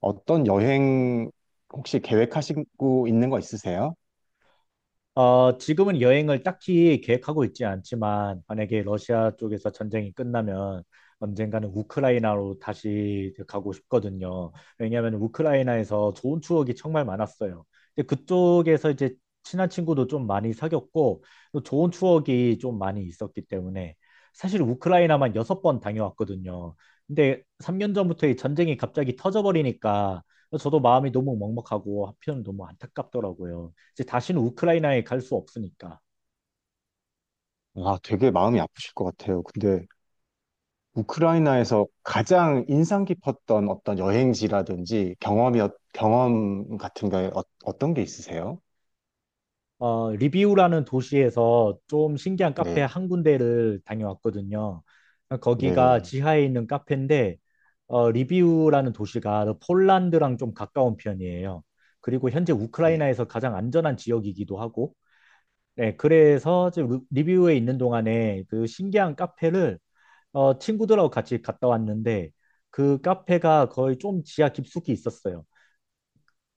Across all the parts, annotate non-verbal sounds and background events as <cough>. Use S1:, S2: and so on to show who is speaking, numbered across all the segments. S1: 어떤 여행 혹시 계획하시고 있는 거 있으세요?
S2: 지금은 여행을 딱히 계획하고 있지 않지만, 만약에 러시아 쪽에서 전쟁이 끝나면 언젠가는 우크라이나로 다시 가고 싶거든요. 왜냐하면 우크라이나에서 좋은 추억이 정말 많았어요. 근데 그쪽에서 이제 친한 친구도 좀 많이 사귀었고, 또 좋은 추억이 좀 많이 있었기 때문에, 사실 우크라이나만 6번 다녀왔거든요. 근데 3년 전부터 이 전쟁이 갑자기 터져버리니까, 저도 마음이 너무 먹먹하고, 한편 너무 안타깝더라고요. 이제 다시는 우크라이나에 갈 수 없으니까.
S1: 아, 되게 마음이 아프실 것 같아요. 근데 우크라이나에서 가장 인상 깊었던 어떤 여행지라든지 경험 같은 게 어, 떤게 있으세요?
S2: 리비우라는 도시에서 좀 신기한 카페
S1: 네,
S2: 한 군데를 다녀왔거든요. 거기가
S1: 네,
S2: 지하에 있는 카페인데, 리비우라는 도시가 폴란드랑 좀 가까운 편이에요. 그리고 현재
S1: 네.
S2: 우크라이나에서 가장 안전한 지역이기도 하고, 네, 그래서 이제 리비우에 있는 동안에 그 신기한 카페를 친구들하고 같이 갔다 왔는데, 그 카페가 거의 좀 지하 깊숙이 있었어요.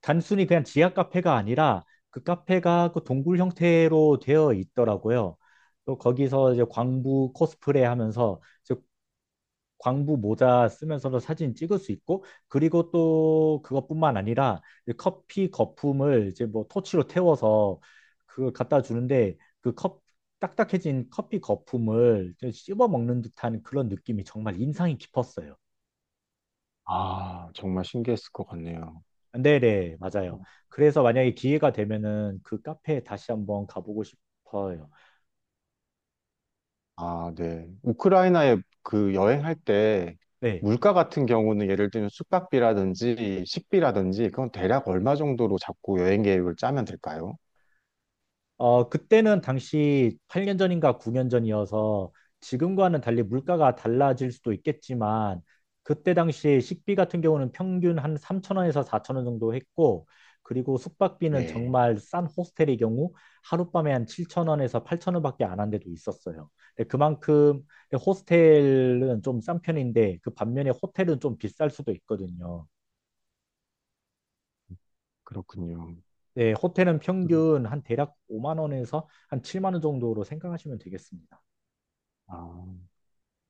S2: 단순히 그냥 지하 카페가 아니라 그 카페가 그 동굴 형태로 되어 있더라고요. 또 거기서 이제 광부 코스프레 하면서 이제 광부 모자 쓰면서도 사진 찍을 수 있고 그리고 또 그것뿐만 아니라 이제 커피 거품을 이제 뭐 토치로 태워서 그걸 갖다 주는데 그 컵, 딱딱해진 커피 거품을 씹어 먹는 듯한 그런 느낌이 정말 인상이 깊었어요.
S1: 아, 정말 신기했을 것 같네요.
S2: 네네, 맞아요. 그래서 만약에 기회가 되면은 그 카페에 다시 한번 가보고 싶어요.
S1: 아, 네. 우크라이나에 그 여행할 때
S2: 네.
S1: 물가 같은 경우는 예를 들면 숙박비라든지 식비라든지 그건 대략 얼마 정도로 잡고 여행 계획을 짜면 될까요?
S2: 그때는 당시 8년 전인가 9년 전이어서 지금과는 달리 물가가 달라질 수도 있겠지만 그때 당시 식비 같은 경우는 평균 한 3천 원에서 4천 원 정도 했고 그리고 숙박비는
S1: 네.
S2: 정말 싼 호스텔의 경우 하룻밤에 한 7천 원에서 8천 원밖에 안 한 데도 있었어요. 근데 그만큼 호스텔은 좀 싼 편인데 그 반면에 호텔은 좀 비쌀 수도 있거든요.
S1: 그렇군요.
S2: 네, 호텔은 평균 한 대략 5만 원에서 한 7만 원 정도로 생각하시면 되겠습니다.
S1: 아,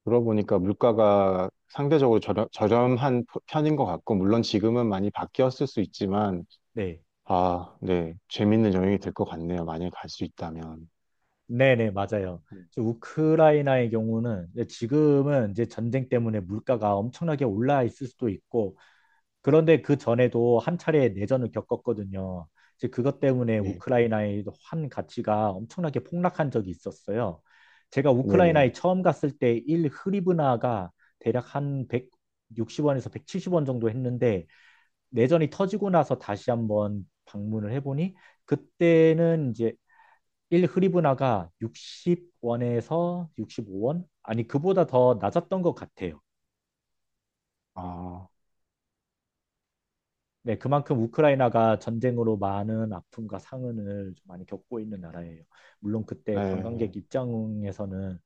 S1: 들어보니까 물가가 상대적으로 저렴한 편인 것 같고, 물론 지금은 많이 바뀌었을 수 있지만,
S2: 네,
S1: 아, 네. 재밌는 여행이 될 것 같네요. 만약에 갈 수 있다면.
S2: 네네, 맞아요. 그래서 우크라이나의 경우는 이제 지금은 이제 전쟁 때문에 물가가 엄청나게 올라 있을 수도 있고, 그런데 그 전에도 한 차례 내전을 겪었거든요. 이제 그것 때문에
S1: 예,
S2: 우크라이나의 환 가치가 엄청나게 폭락한 적이 있었어요. 제가 우크라이나에
S1: 네네.
S2: 처음 갔을 때 1 흐리브나가 대략 한 160원에서 170원 정도 했는데, 내전이 터지고 나서 다시 한번 방문을 해보니, 그때는 이제 1 흐리브나가 60원에서 65원? 아니, 그보다 더 낮았던 것 같아요.
S1: 아,
S2: 네, 그만큼 우크라이나가 전쟁으로 많은 아픔과 상흔을 좀 많이 겪고 있는 나라예요. 물론 그때 관광객
S1: 네.
S2: 입장에서는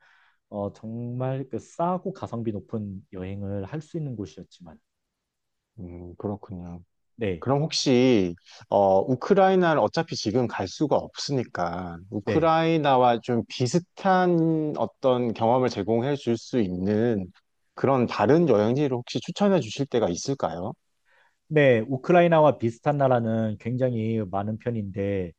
S2: 정말 그 싸고 가성비 높은 여행을 할 수 있는 곳이었지만,
S1: 그렇군요.
S2: 네,
S1: 그럼 혹시 우크라이나를 어차피 지금 갈 수가 없으니까
S2: 네,
S1: 우크라이나와 좀 비슷한 어떤 경험을 제공해 줄 수 있는 그런 다른 여행지를 혹시 추천해 주실 때가 있을까요?
S2: 네, 우크라이나와 비슷한 나라는 굉장히 많은 편인데,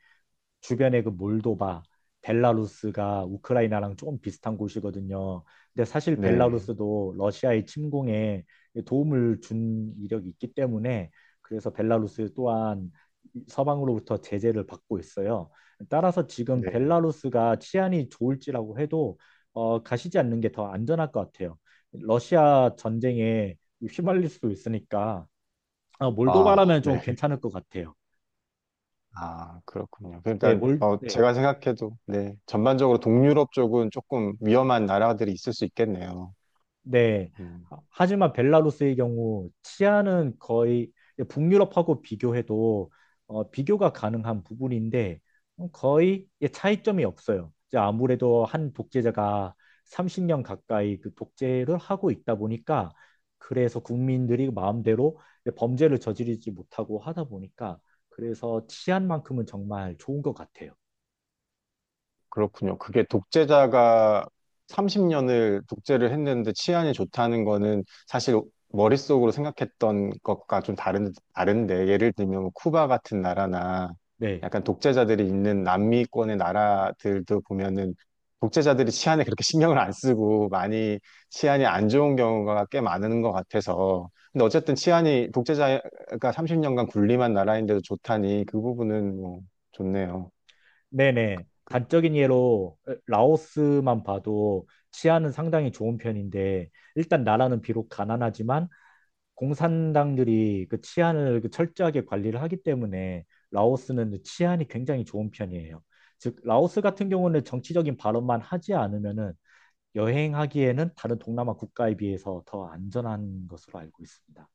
S2: 주변에 그 몰도바, 벨라루스가 우크라이나랑 조금 비슷한 곳이거든요. 근데 사실
S1: 네.
S2: 벨라루스도 러시아의 침공에 도움을 준 이력이 있기 때문에 그래서 벨라루스 또한 서방으로부터 제재를 받고 있어요. 따라서 지금
S1: 네.
S2: 벨라루스가 치안이 좋을지라고 해도 가시지 않는 게 더 안전할 것 같아요. 러시아 전쟁에 휘말릴 수도 있으니까 아,
S1: 아,
S2: 몰도바라면 좀
S1: 네.
S2: 괜찮을 것 같아요.
S1: 아, 그렇군요.
S2: 네,
S1: 그러니까
S2: 네.
S1: 제가 생각해도 네. 전반적으로 동유럽 쪽은 조금 위험한 나라들이 있을 수 있겠네요.
S2: 네.
S1: 음.
S2: 지만 벨라루스의 경우 치안은 거의 북유럽하고 비교해도 비교가 가능한 부분인데 거의 예, 차이점이 없어요. 이제 아무래도 한 독재자가 30년 가까이 그 독재를 하고 있다 보니까 그래서 국민들이 마음대로 범죄를 저지르지 못하고 하다 보니까 그래서 치안만큼은 정말 좋은 것 같아요.
S1: 그렇군요. 그게 독재자가 30년을 독재를 했는데 치안이 좋다는 거는 사실 머릿속으로 생각했던 것과 좀 다른데, 예를 들면 뭐 쿠바 같은 나라나
S2: 네.
S1: 약간 독재자들이 있는 남미권의 나라들도 보면은 독재자들이 치안에 그렇게 <laughs> 신경을 안 쓰고 많이 치안이 안 좋은 경우가 꽤 많은 것 같아서. 근데 어쨌든 치안이 독재자가 30년간 군림한 나라인데도 좋다니 그 부분은 뭐 좋네요.
S2: 네네. 단적인 예로 라오스만 봐도 치안은 상당히 좋은 편인데 일단 나라는 비록 가난하지만 공산당들이 그 치안을 그 철저하게 관리를 하기 때문에 라오스는 치안이 굉장히 좋은 편이에요. 즉 라오스 같은 경우는 정치적인 발언만 하지 않으면은 여행하기에는 다른 동남아 국가에 비해서 더 안전한 것으로 알고 있습니다.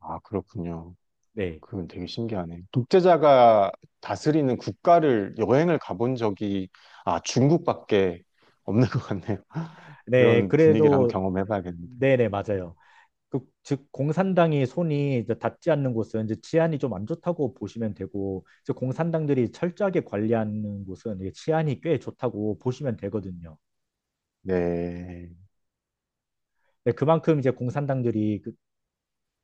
S1: 아, 그렇군요.
S2: 네.
S1: 그건 되게 신기하네. 독재자가 다스리는 국가를 여행을 가본 적이 아 중국밖에 없는 것 같네요. <laughs>
S2: 네,
S1: 이런 분위기를 한번
S2: 그래도
S1: 경험해봐야겠는데.
S2: 네네 맞아요. 그, 즉 공산당이 손이 이제 닿지 않는 곳은 이제 치안이 좀 안 좋다고 보시면 되고 이제 공산당들이 철저하게 관리하는 곳은 이게 치안이 꽤 좋다고 보시면 되거든요.
S1: 네,
S2: 네, 그만큼 이제 공산당들이 그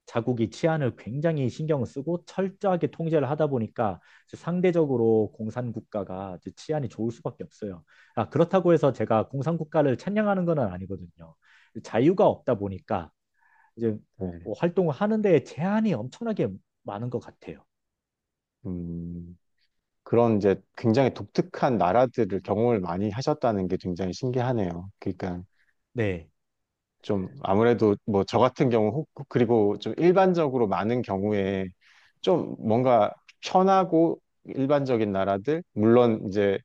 S2: 자국이 치안을 굉장히 신경을 쓰고 철저하게 통제를 하다 보니까 이제 상대적으로 공산 국가가 이제 치안이 좋을 수밖에 없어요. 아, 그렇다고 해서 제가 공산 국가를 찬양하는 건 아니거든요. 자유가 없다 보니까 이제
S1: 네.
S2: 뭐 활동을 하는데 제한이 엄청나게 많은 것 같아요.
S1: 음, 그런 이제 굉장히 독특한 나라들을 경험을 많이 하셨다는 게 굉장히 신기하네요. 그러니까
S2: 네,
S1: 좀 아무래도 뭐 저 같은 경우 그리고 좀 일반적으로 많은 경우에 좀 뭔가 편하고 일반적인 나라들 물론 이제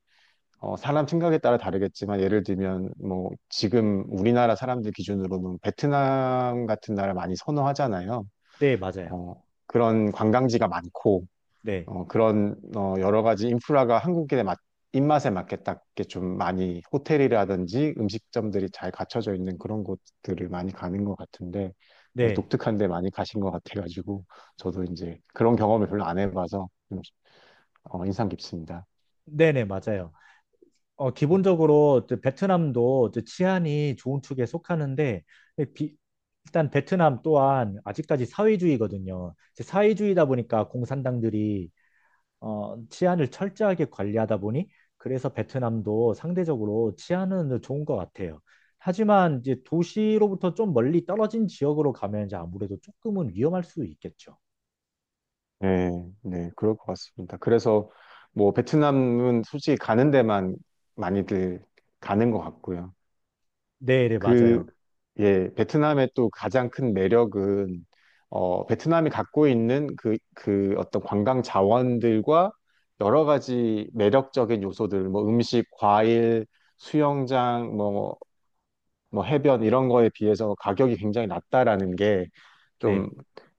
S1: 사람 생각에 따라 다르겠지만 예를 들면 뭐 지금 우리나라 사람들 기준으로는 베트남 같은 나라 많이 선호하잖아요.
S2: 네, 맞아요.
S1: 어, 그런 관광지가 많고
S2: 네,
S1: 여러 가지 인프라가 입맛에 맞게 딱 이렇게 좀 많이 호텔이라든지 음식점들이 잘 갖춰져 있는 그런 곳들을 많이 가는 것 같은데 예,
S2: 네,
S1: 독특한 데 많이 가신 것 같아가지고 저도 이제 그런 경험을 별로 안 해봐서 좀, 어, 인상 깊습니다.
S2: 네네, 맞아요. 기본적으로 이제 베트남도 이제 치안이 좋은 축에 속하는데, 비- 일단 베트남 또한 아직까지 사회주의거든요. 이제 사회주의다 보니까 공산당들이 치안을 철저하게 관리하다 보니, 그래서 베트남도 상대적으로 치안은 좋은 것 같아요. 하지만 이제 도시로부터 좀 멀리 떨어진 지역으로 가면 이제 아무래도 조금은 위험할 수 있겠죠.
S1: 네, 네, 그럴 것 같습니다. 그래서 뭐 베트남은 솔직히 가는 데만 많이들 가는 것 같고요.
S2: 네, 네,
S1: 그,
S2: 맞아요.
S1: 예, 베트남의 또 가장 큰 매력은 어, 베트남이 갖고 있는 그 어떤 관광 자원들과 여러 가지 매력적인 요소들, 뭐 음식, 과일, 수영장, 뭐 해변 이런 거에 비해서 가격이 굉장히 낮다라는 게 좀
S2: 네,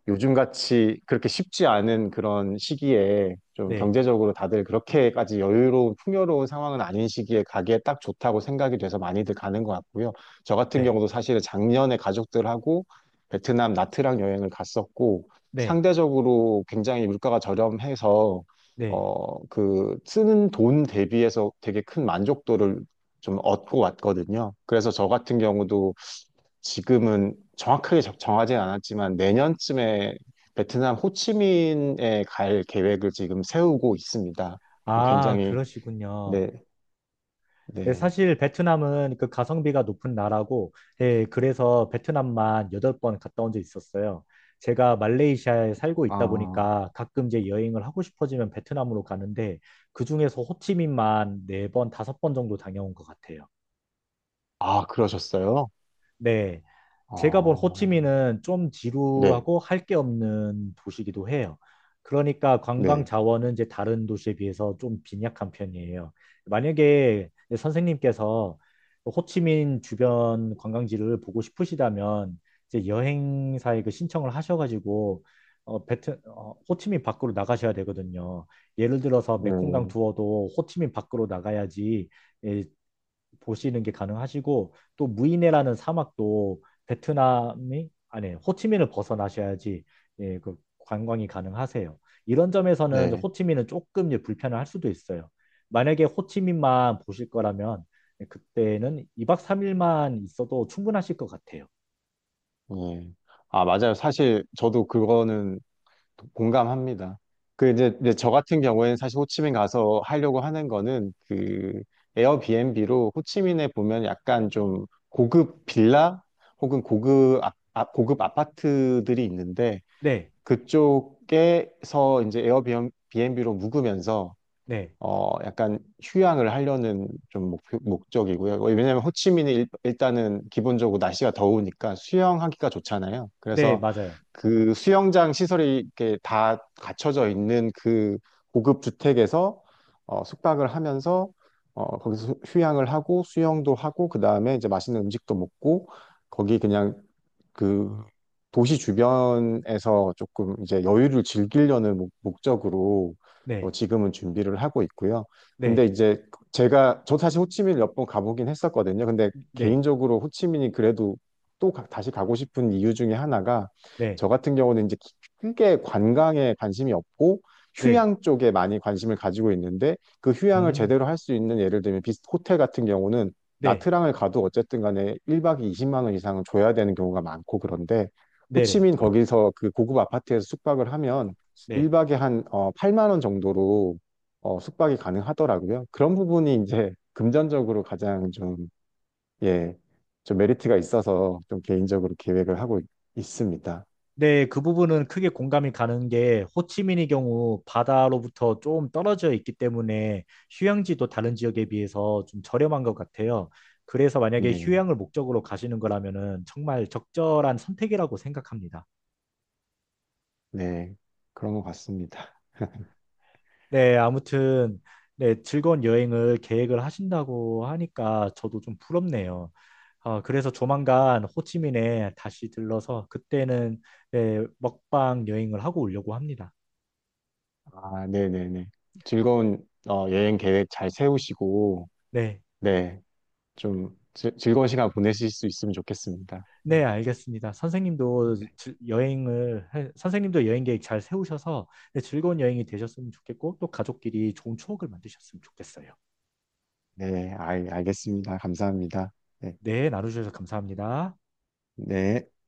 S1: 요즘같이 그렇게 쉽지 않은 그런 시기에 좀
S2: 네.
S1: 경제적으로 다들 그렇게까지 여유로운 풍요로운 상황은 아닌 시기에 가기에 딱 좋다고 생각이 돼서 많이들 가는 것 같고요. 저 같은
S2: 네.
S1: 경우도 사실은 작년에 가족들하고 베트남 나트랑 여행을 갔었고
S2: 네,
S1: 상대적으로 굉장히 물가가 저렴해서
S2: 네.
S1: 어, 그 쓰는 돈 대비해서 되게 큰 만족도를 좀 얻고 왔거든요. 그래서 저 같은 경우도 지금은 정확하게 정하지 않았지만 내년쯤에 베트남 호치민에 갈 계획을 지금 세우고 있습니다.
S2: 아,
S1: 굉장히,
S2: 그러시군요.
S1: 네,
S2: 예,
S1: 네.
S2: 사실 베트남은 그 가성비가 높은 나라고, 예, 그래서 베트남만 8번 갔다 온 적 있었어요. 제가 말레이시아에 살고 있다
S1: 아,
S2: 보니까 가끔 이제 여행을 하고 싶어지면 베트남으로 가는데, 그중에서 호치민만 4번, 5번 정도 다녀온 것 같아요.
S1: 아, 그러셨어요?
S2: 네.
S1: 아,
S2: 제가 본 호치민은 좀
S1: 네,
S2: 지루하고 할 게 없는 도시이기도 해요. 그러니까 관광
S1: 네,
S2: 자원은 이제 다른 도시에 비해서 좀 빈약한 편이에요. 만약에 선생님께서 호치민 주변 관광지를 보고 싶으시다면 이제 여행사에 그 신청을 하셔가지고 호치민 밖으로 나가셔야 되거든요. 예를 들어서 메콩강
S1: 네,
S2: 투어도 호치민 밖으로 나가야지 예, 보시는 게 가능하시고 또 무이네라는 사막도 베트남이 아니 호치민을 벗어나셔야지 예, 그 관광이 가능하세요. 이런 점에서는
S1: 네,
S2: 호치민은 조금 이제 불편을 할 수도 있어요. 만약에 호치민만 보실 거라면 그때는 이박삼일만 있어도 충분하실 것 같아요.
S1: 네. 아, 맞아요. 사실 저도 그거는 공감합니다. 이제 저 같은 경우에는 사실 호치민 가서 하려고 하는 거는 그 에어비앤비로 호치민에 보면 약간 좀 고급 빌라 혹은 고급 아파트들이 있는데
S2: 네,
S1: 그쪽에서 이제 에어비앤비로 묵으면서
S2: 네,
S1: 어, 약간 휴양을 하려는 좀 목, 목적이고요. 왜냐하면 호치민이 일, 일단은 기본적으로 날씨가 더우니까 수영하기가 좋잖아요.
S2: 네,
S1: 그래서
S2: 맞아요.
S1: 그 수영장 시설이 이렇게 다 갖춰져 있는 그 고급 주택에서 어, 숙박을 하면서 어, 거기서 휴양을 하고 수영도 하고 그 다음에 이제 맛있는 음식도 먹고 거기 그냥 그 도시 주변에서 조금 이제 여유를 즐기려는 목적으로 어,
S2: 네,
S1: 지금은 준비를 하고 있고요. 근데
S2: 네,
S1: 이제 제가 저 사실 호치민 몇 번 가보긴 했었거든요. 근데
S2: 네,
S1: 개인적으로 호치민이 그래도 또 다시 가고 싶은 이유 중에 하나가
S2: 네,
S1: 저 같은 경우는 이제 크게 관광에 관심이 없고
S2: 네,
S1: 휴양 쪽에 많이 관심을 가지고 있는데 그 휴양을
S2: 음,
S1: 제대로 할 수 있는 예를 들면 비스 호텔 같은 경우는
S2: 네,
S1: 나트랑을 가도 어쨌든 간에 1박에 20만 원 이상은 줘야 되는 경우가 많고 그런데
S2: 네, 네,
S1: 호치민 거기서 그 고급 아파트에서 숙박을 하면
S2: 네.
S1: 1박에 한 8만 원 정도로 어, 숙박이 가능하더라고요. 그런 부분이 이제 금전적으로 가장 좀, 예, 좀 메리트가 있어서 좀 개인적으로 계획을 있습니다.
S2: 네, 그 부분은 크게 공감이 가는 게 호치민의 경우 바다로부터 좀 떨어져 있기 때문에 휴양지도 다른 지역에 비해서 좀 저렴한 것 같아요. 그래서 만약에
S1: 네,
S2: 휴양을 목적으로 가시는 거라면은 정말 적절한 선택이라고 생각합니다.
S1: 네. 그런 것 같습니다.
S2: 네, 아무튼 네, 즐거운 여행을 계획을 하신다고 하니까 저도 좀 부럽네요. 아, 그래서 조만간 호치민에 다시 들러서 그때는 네, 먹방 여행을 하고 오려고 합니다.
S1: 아, 네네네. 즐거운 어, 여행 계획 잘 세우시고,
S2: 네.
S1: 네. 좀 즐거운 시간 보내실 수 있으면 좋겠습니다.
S2: 네,
S1: 네.
S2: 알겠습니다. 선생님도
S1: 네,
S2: 여행을, 선생님도 여행 계획 잘 세우셔서 네, 즐거운 여행이 되셨으면 좋겠고, 또 가족끼리 좋은 추억을 만드셨으면 좋겠어요.
S1: 알겠습니다. 감사합니다. 네.
S2: 네, 나눠주셔서 감사합니다.
S1: 네.